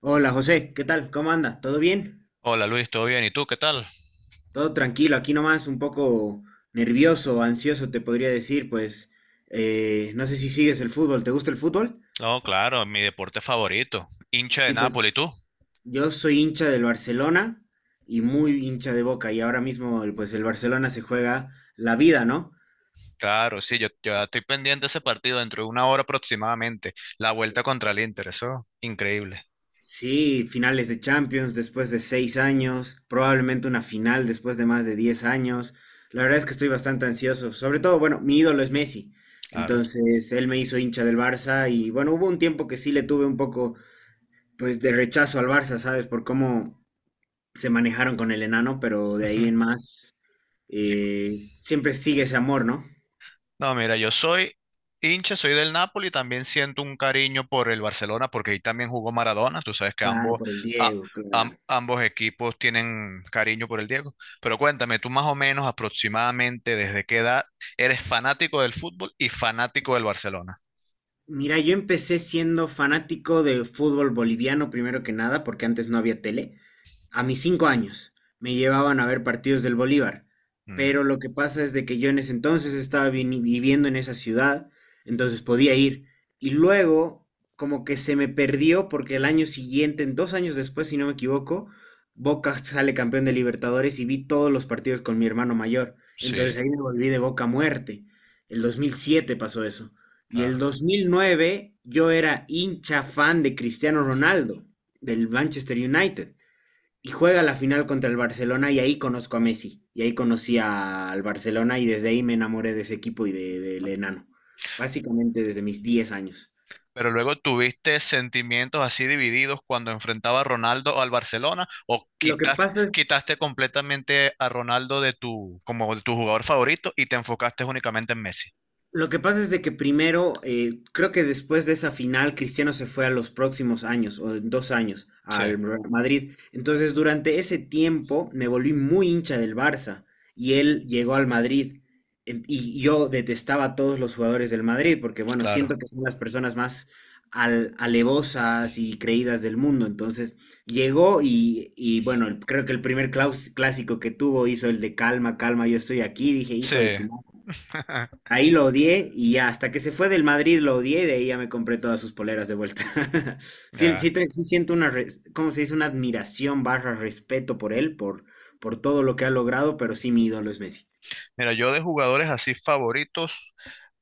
Hola José, ¿qué tal? ¿Cómo anda? ¿Todo bien? Hola Luis, ¿todo bien? ¿Y tú qué tal? Todo tranquilo, aquí nomás un poco nervioso, ansioso te podría decir, pues no sé si sigues el fútbol, ¿te gusta el fútbol? No, claro, mi deporte favorito. Hincha de Sí, pues Nápoles, ¿y tú? yo soy hincha del Barcelona y muy hincha de Boca y ahora mismo pues el Barcelona se juega la vida, ¿no? Claro, sí, yo estoy pendiente de ese partido dentro de una hora aproximadamente. La vuelta contra el Inter, eso, increíble, Sí, finales de Champions después de 6 años, probablemente una final después de más de 10 años. La verdad es que estoy bastante ansioso. Sobre todo, bueno, mi ídolo es Messi. claro. Entonces, él me hizo hincha del Barça y bueno, hubo un tiempo que sí le tuve un poco, pues, de rechazo al Barça, ¿sabes? Por cómo se manejaron con el enano, pero de ahí en más, Ujú. Siempre sigue ese amor, ¿no? No, mira, yo soy hincha, soy del Napoli, también siento un cariño por el Barcelona porque ahí también jugó Maradona, tú sabes que Claro, ambos, por el a- Diego, claro. ambos equipos tienen cariño por el Diego. Pero cuéntame, tú más o menos aproximadamente desde qué edad eres fanático del fútbol y fanático del Barcelona. Mira, yo empecé siendo fanático de fútbol boliviano primero que nada, porque antes no había tele. A mis 5 años me llevaban a ver partidos del Bolívar, Mm, pero lo que pasa es de que yo en ese entonces estaba viviendo en esa ciudad, entonces podía ir. Y luego, como que se me perdió porque el año siguiente, en 2 años después, si no me equivoco, Boca sale campeón de Libertadores y vi todos los partidos con mi hermano mayor. sí, Entonces ahí me volví de Boca a muerte. El 2007 pasó eso. Y el claro. 2009 yo era hincha fan de Cristiano Ronaldo, del Manchester United. Y juega la final contra el Barcelona y ahí conozco a Messi. Y ahí conocí al Barcelona y desde ahí me enamoré de ese equipo y del enano. Básicamente desde mis 10 años. Pero luego tuviste sentimientos así divididos cuando enfrentaba a Ronaldo al Barcelona o Lo que quitaste, pasa es quitaste completamente a Ronaldo de tu, como de tu jugador favorito y te enfocaste únicamente en Messi. Lo que pasa es de que primero, creo que después de esa final, Cristiano se fue a los próximos años, o en 2 años, Sí, al Real Madrid. Entonces, durante ese tiempo me volví muy hincha del Barça y él llegó al Madrid. Y yo detestaba a todos los jugadores del Madrid porque, bueno, claro. siento que son las personas más alevosas y creídas del mundo. Entonces, llegó bueno, creo que el primer clásico que tuvo hizo el de calma, calma, yo estoy aquí. Dije, hijo de Sí. tu madre. Ahí lo odié y ya, hasta que se fue del Madrid lo odié y de ahí ya me compré todas sus poleras de vuelta. Sí, sí, Ya. Sí siento una, ¿cómo se dice? Una admiración barra respeto por él, por todo lo que ha logrado, pero sí mi ídolo es Messi. Mira, yo de jugadores así favoritos,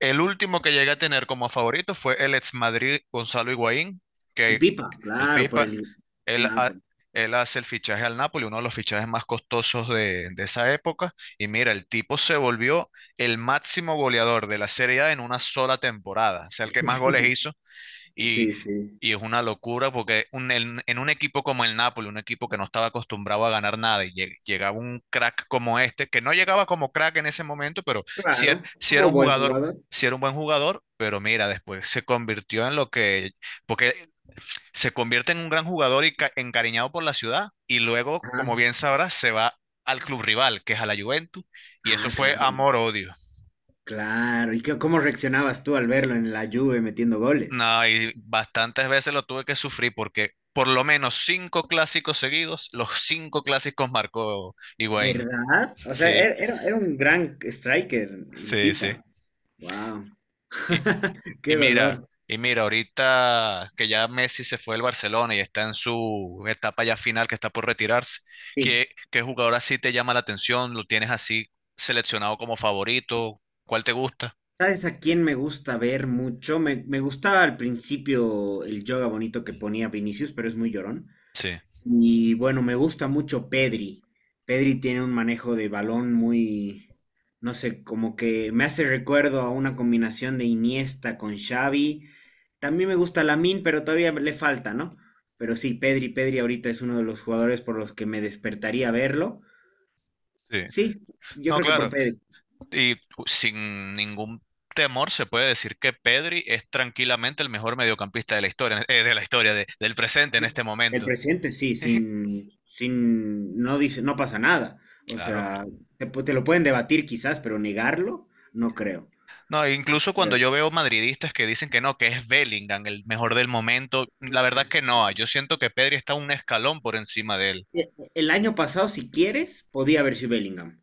el último que llegué a tener como favorito fue el ex Madrid Gonzalo Higuaín, El que Pipa, El claro, por Pipa, el... él, Nada, ha- por... él hace el fichaje al Napoli, uno de los fichajes más costosos de esa época. Y mira, el tipo se volvió el máximo goleador de la Serie A en una sola temporada. O Sí, sea, el que más goles sí, hizo. Y, sí, sí. y es una locura porque en un equipo como el Napoli, un equipo que no estaba acostumbrado a ganar nada, y llegaba un crack como este, que no llegaba como crack en ese momento, pero Claro, sí era como un buen jugador. jugador. Sí era un buen jugador, pero mira, después se convirtió en lo que porque se convierte en un gran jugador y encariñado por la ciudad y luego, Ajá. como bien sabrás, se va al club rival, que es a la Juventus, y eso Ah, fue claro, amor-odio. claro. ¿Y cómo reaccionabas tú al verlo en la Juve metiendo goles? No, y bastantes veces lo tuve que sufrir porque por lo menos cinco clásicos seguidos, los cinco clásicos marcó Higuaín. ¿Verdad? O sea, Sí, era un gran striker, el sí, sí. Pipa. Wow. Y, Qué Y mira, dolor. y mira, ahorita que ya Messi se fue del Barcelona y está en su etapa ya final, que está por retirarse, Sí. ¿qué jugador así te llama la atención? ¿Lo tienes así seleccionado como favorito? ¿Cuál te gusta? ¿Sabes a quién me gusta ver mucho? Me gustaba al principio el yoga bonito que ponía Vinicius, pero es muy llorón. Sí, Y bueno, me gusta mucho Pedri. Pedri tiene un manejo de balón muy, no sé, como que me hace recuerdo a una combinación de Iniesta con Xavi. También me gusta Lamine, pero todavía le falta, ¿no? Pero sí, Pedri, Pedri ahorita es uno de los jugadores por los que me despertaría verlo. sí. Sí, yo No, creo que por claro. Pedri. Y sin ningún temor se puede decir que Pedri es tranquilamente el mejor mediocampista de la historia, del presente en este El momento. presente, sí, sin, sin, no dice, no pasa nada. O Claro. sea, te lo pueden debatir quizás, pero negarlo, no creo. No, e incluso cuando yo O veo madridistas que dicen que no, que es Bellingham el mejor del momento, la verdad que no, yo siento que Pedri está un escalón por encima de él. El año pasado, si quieres, podía haber sido Bellingham,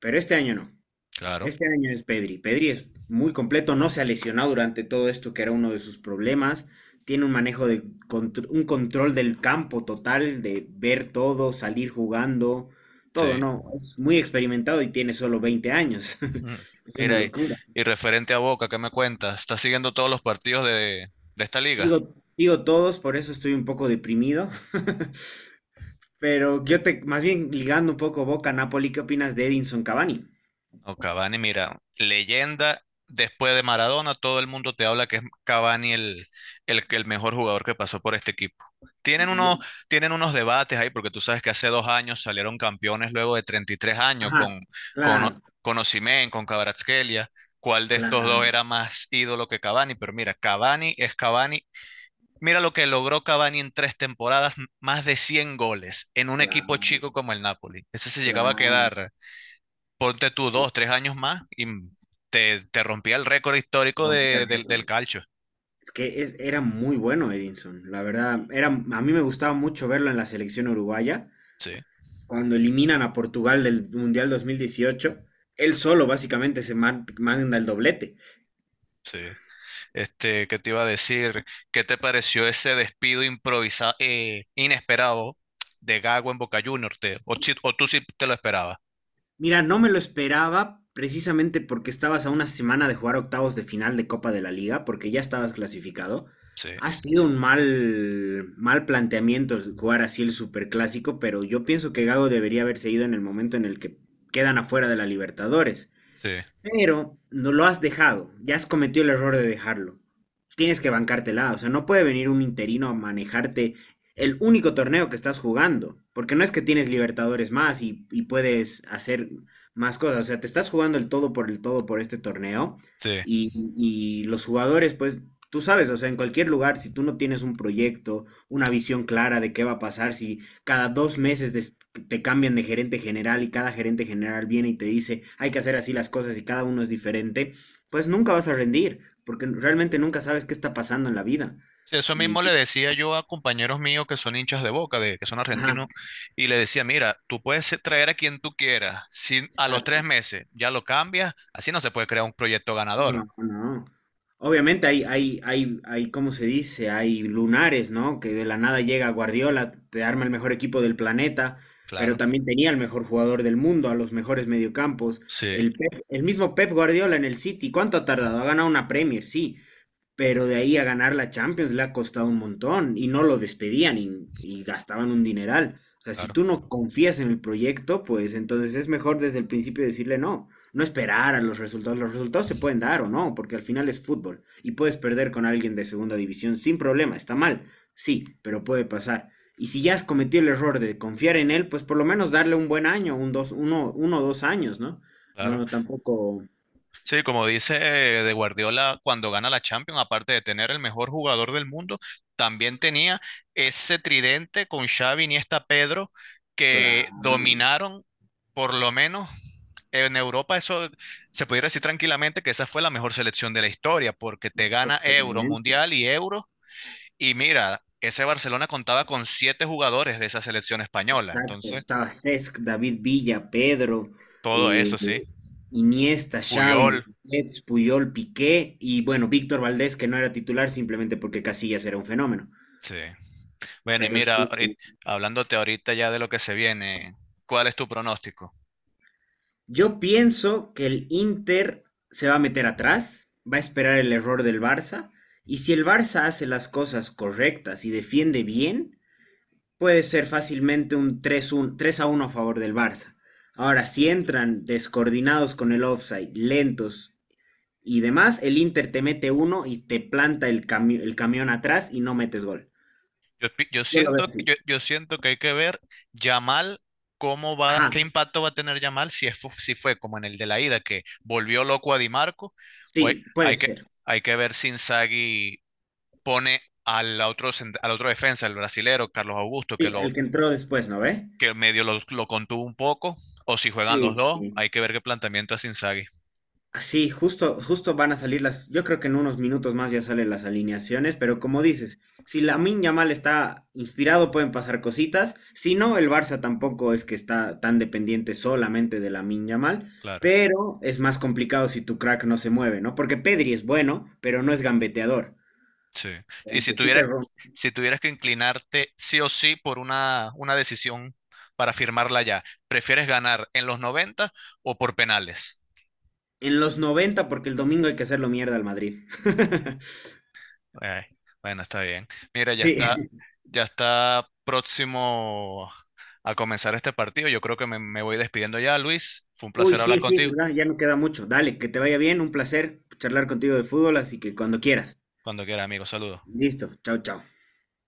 pero este año no. Claro, Este año es Pedri. Pedri es muy completo, no se ha lesionado durante todo esto, que era uno de sus problemas. Tiene un manejo de un control del campo total, de ver todo, salir jugando, todo, sí. no. Es muy experimentado y tiene solo 20 años. Mm. Es una Mira, y, locura. y referente a Boca, ¿qué me cuentas? ¿Estás siguiendo todos los partidos de esta liga? Sigo, sigo todos, por eso estoy un poco deprimido. Pero más bien ligando un poco Boca a Napoli, ¿qué opinas de Edinson Cavani? No, Cavani, mira, leyenda, después de Maradona, todo el mundo te habla que es Cavani el mejor jugador que pasó por este equipo. Tienen unos, Y- tienen unos debates ahí, porque tú sabes que hace 2 años salieron campeones luego de 33 años Ajá, con, O- claro, con Osimhen, con Kvaratskhelia. ¿Cuál de estos dos claro, era más ídolo que Cavani? Pero mira, Cavani es Cavani. Mira lo que logró Cavani en 3 temporadas, más de 100 goles en un equipo claro, chico como el Napoli. Ese se llegaba a claro. quedar ponte tú dos, tres años más y te rompía el récord histórico Romper del récords. calcio. Es que era muy bueno Edinson, la verdad, era, a mí me gustaba mucho verlo en la selección uruguaya, Sí, cuando eliminan a Portugal del Mundial 2018, él solo básicamente se manda el doblete. sí. Este, ¿qué te iba a decir? ¿Qué te pareció ese despido improvisado, inesperado de Gago en Boca Juniors? Te- o, si- o tú sí te lo esperabas. Mira, no me lo esperaba precisamente porque estabas a una semana de jugar octavos de final de Copa de la Liga, porque ya estabas clasificado. Sí, Ha sido un mal, mal planteamiento jugar así el superclásico, pero yo pienso que Gago debería haberse ido en el momento en el que quedan afuera de la Libertadores. sí, Pero no lo has dejado, ya has cometido el error de dejarlo. Tienes que bancártela, o sea, no puede venir un interino a manejarte el único torneo que estás jugando, porque no es que tienes Libertadores más y puedes hacer más cosas, o sea, te estás jugando el todo por este torneo sí. Y los jugadores, pues, tú sabes, o sea, en cualquier lugar, si tú no tienes un proyecto, una visión clara de qué va a pasar, si cada 2 meses te cambian de gerente general y cada gerente general viene y te dice hay que hacer así las cosas y cada uno es diferente, pues nunca vas a rendir, porque realmente nunca sabes qué está pasando en la vida. Sí, eso Y, mismo le decía yo a compañeros míos que son hinchas de Boca, que son argentinos, ajá, y le decía, mira, tú puedes traer a quien tú quieras, si a los tres exacto. meses ya lo cambias, así no se puede crear un proyecto ganador. No, no. Obviamente hay, ¿cómo se dice? Hay lunares, ¿no? Que de la nada llega Guardiola, te arma el mejor equipo del planeta, pero Claro. también tenía el mejor jugador del mundo, a los mejores mediocampos. Sí, El mismo Pep Guardiola en el City, ¿cuánto ha tardado? Ha ganado una Premier, sí, pero de ahí a ganar la Champions le ha costado un montón y no lo despedían gastaban un dineral. O sea, si claro, tú no confías en el proyecto, pues entonces es mejor desde el principio decirle no, no esperar a los resultados. Los resultados se pueden dar o no, porque al final es fútbol y puedes perder con alguien de segunda división sin problema, está mal, sí, pero puede pasar. Y si ya has cometido el error de confiar en él, pues por lo menos darle un buen año, uno o dos años, ¿no? claro. No tampoco Sí, como dice de Guardiola, cuando gana la Champions, aparte de tener el mejor jugador del mundo, también tenía ese tridente con Xavi, Iniesta, Pedro, la que dominaron por lo menos en Europa. Eso se pudiera decir tranquilamente que esa fue la mejor selección de la historia, porque te gana Euro, claro. Mundial y Euro. Y mira, ese Barcelona contaba con siete jugadores de esa selección española. Exacto, Entonces, estaba Cesc, David Villa, Pedro, todo eh, eso, sí. Iniesta, Xavi, Puyol, Busquets, Puyol, Piqué y bueno, Víctor Valdés, que no era titular simplemente porque Casillas era un fenómeno. sí. Bueno, y Pero sí, mira, sí. hablándote ahorita ya de lo que se viene, ¿cuál es tu pronóstico? Yo pienso que el Inter se va a meter atrás, va a esperar el error del Barça y si el Barça hace las cosas correctas y defiende bien, puede ser fácilmente un 3 a uno a favor del Barça. Ahora, si entran descoordinados con el offside, lentos, y demás, el Inter te mete uno y te planta el camión atrás y no metes gol. Yo, pi- yo Yo lo veo siento, que- así. yo, yo siento que hay que ver Yamal, cómo va, Ajá, qué impacto va a tener Yamal si fue como en el de la ida, que volvió loco a Di Marco, o hay, sí, puede hay que, ser. hay que ver si Inzaghi pone al otro, al otro defensa, el brasilero, Carlos Augusto, que, Sí, lo, el que entró después, ¿no ve? que medio lo, lo contuvo un poco, o si juegan Sí, los dos, sí. hay que ver qué planteamiento hace Inzaghi, Sí, justo, justo van a salir las. Yo creo que en unos minutos más ya salen las alineaciones, pero como dices, si Lamine Yamal está inspirado, pueden pasar cositas. Si no, el Barça tampoco es que está tan dependiente solamente de Lamine Yamal, claro. pero es más complicado si tu crack no se mueve, ¿no? Porque Pedri es bueno, pero no es gambeteador. Sí. Y si Entonces, sí, tuviera, si tuvieras que inclinarte sí o sí por una decisión para firmarla ya, ¿prefieres ganar en los 90 o por penales? en los 90 porque el domingo hay que hacerlo mierda al Madrid. Eh, bueno, está bien. Mira, ya está, Sí. ya está próximo a comenzar este partido. Yo creo que me voy despidiendo ya, Luis. Fue un Uy, placer sí, hablar sí, contigo. ¿verdad? Ya no queda mucho. Dale, que te vaya bien. Un placer charlar contigo de fútbol, así que cuando quieras. Cuando quiera, amigo. Saludos. Listo. Chao, chao.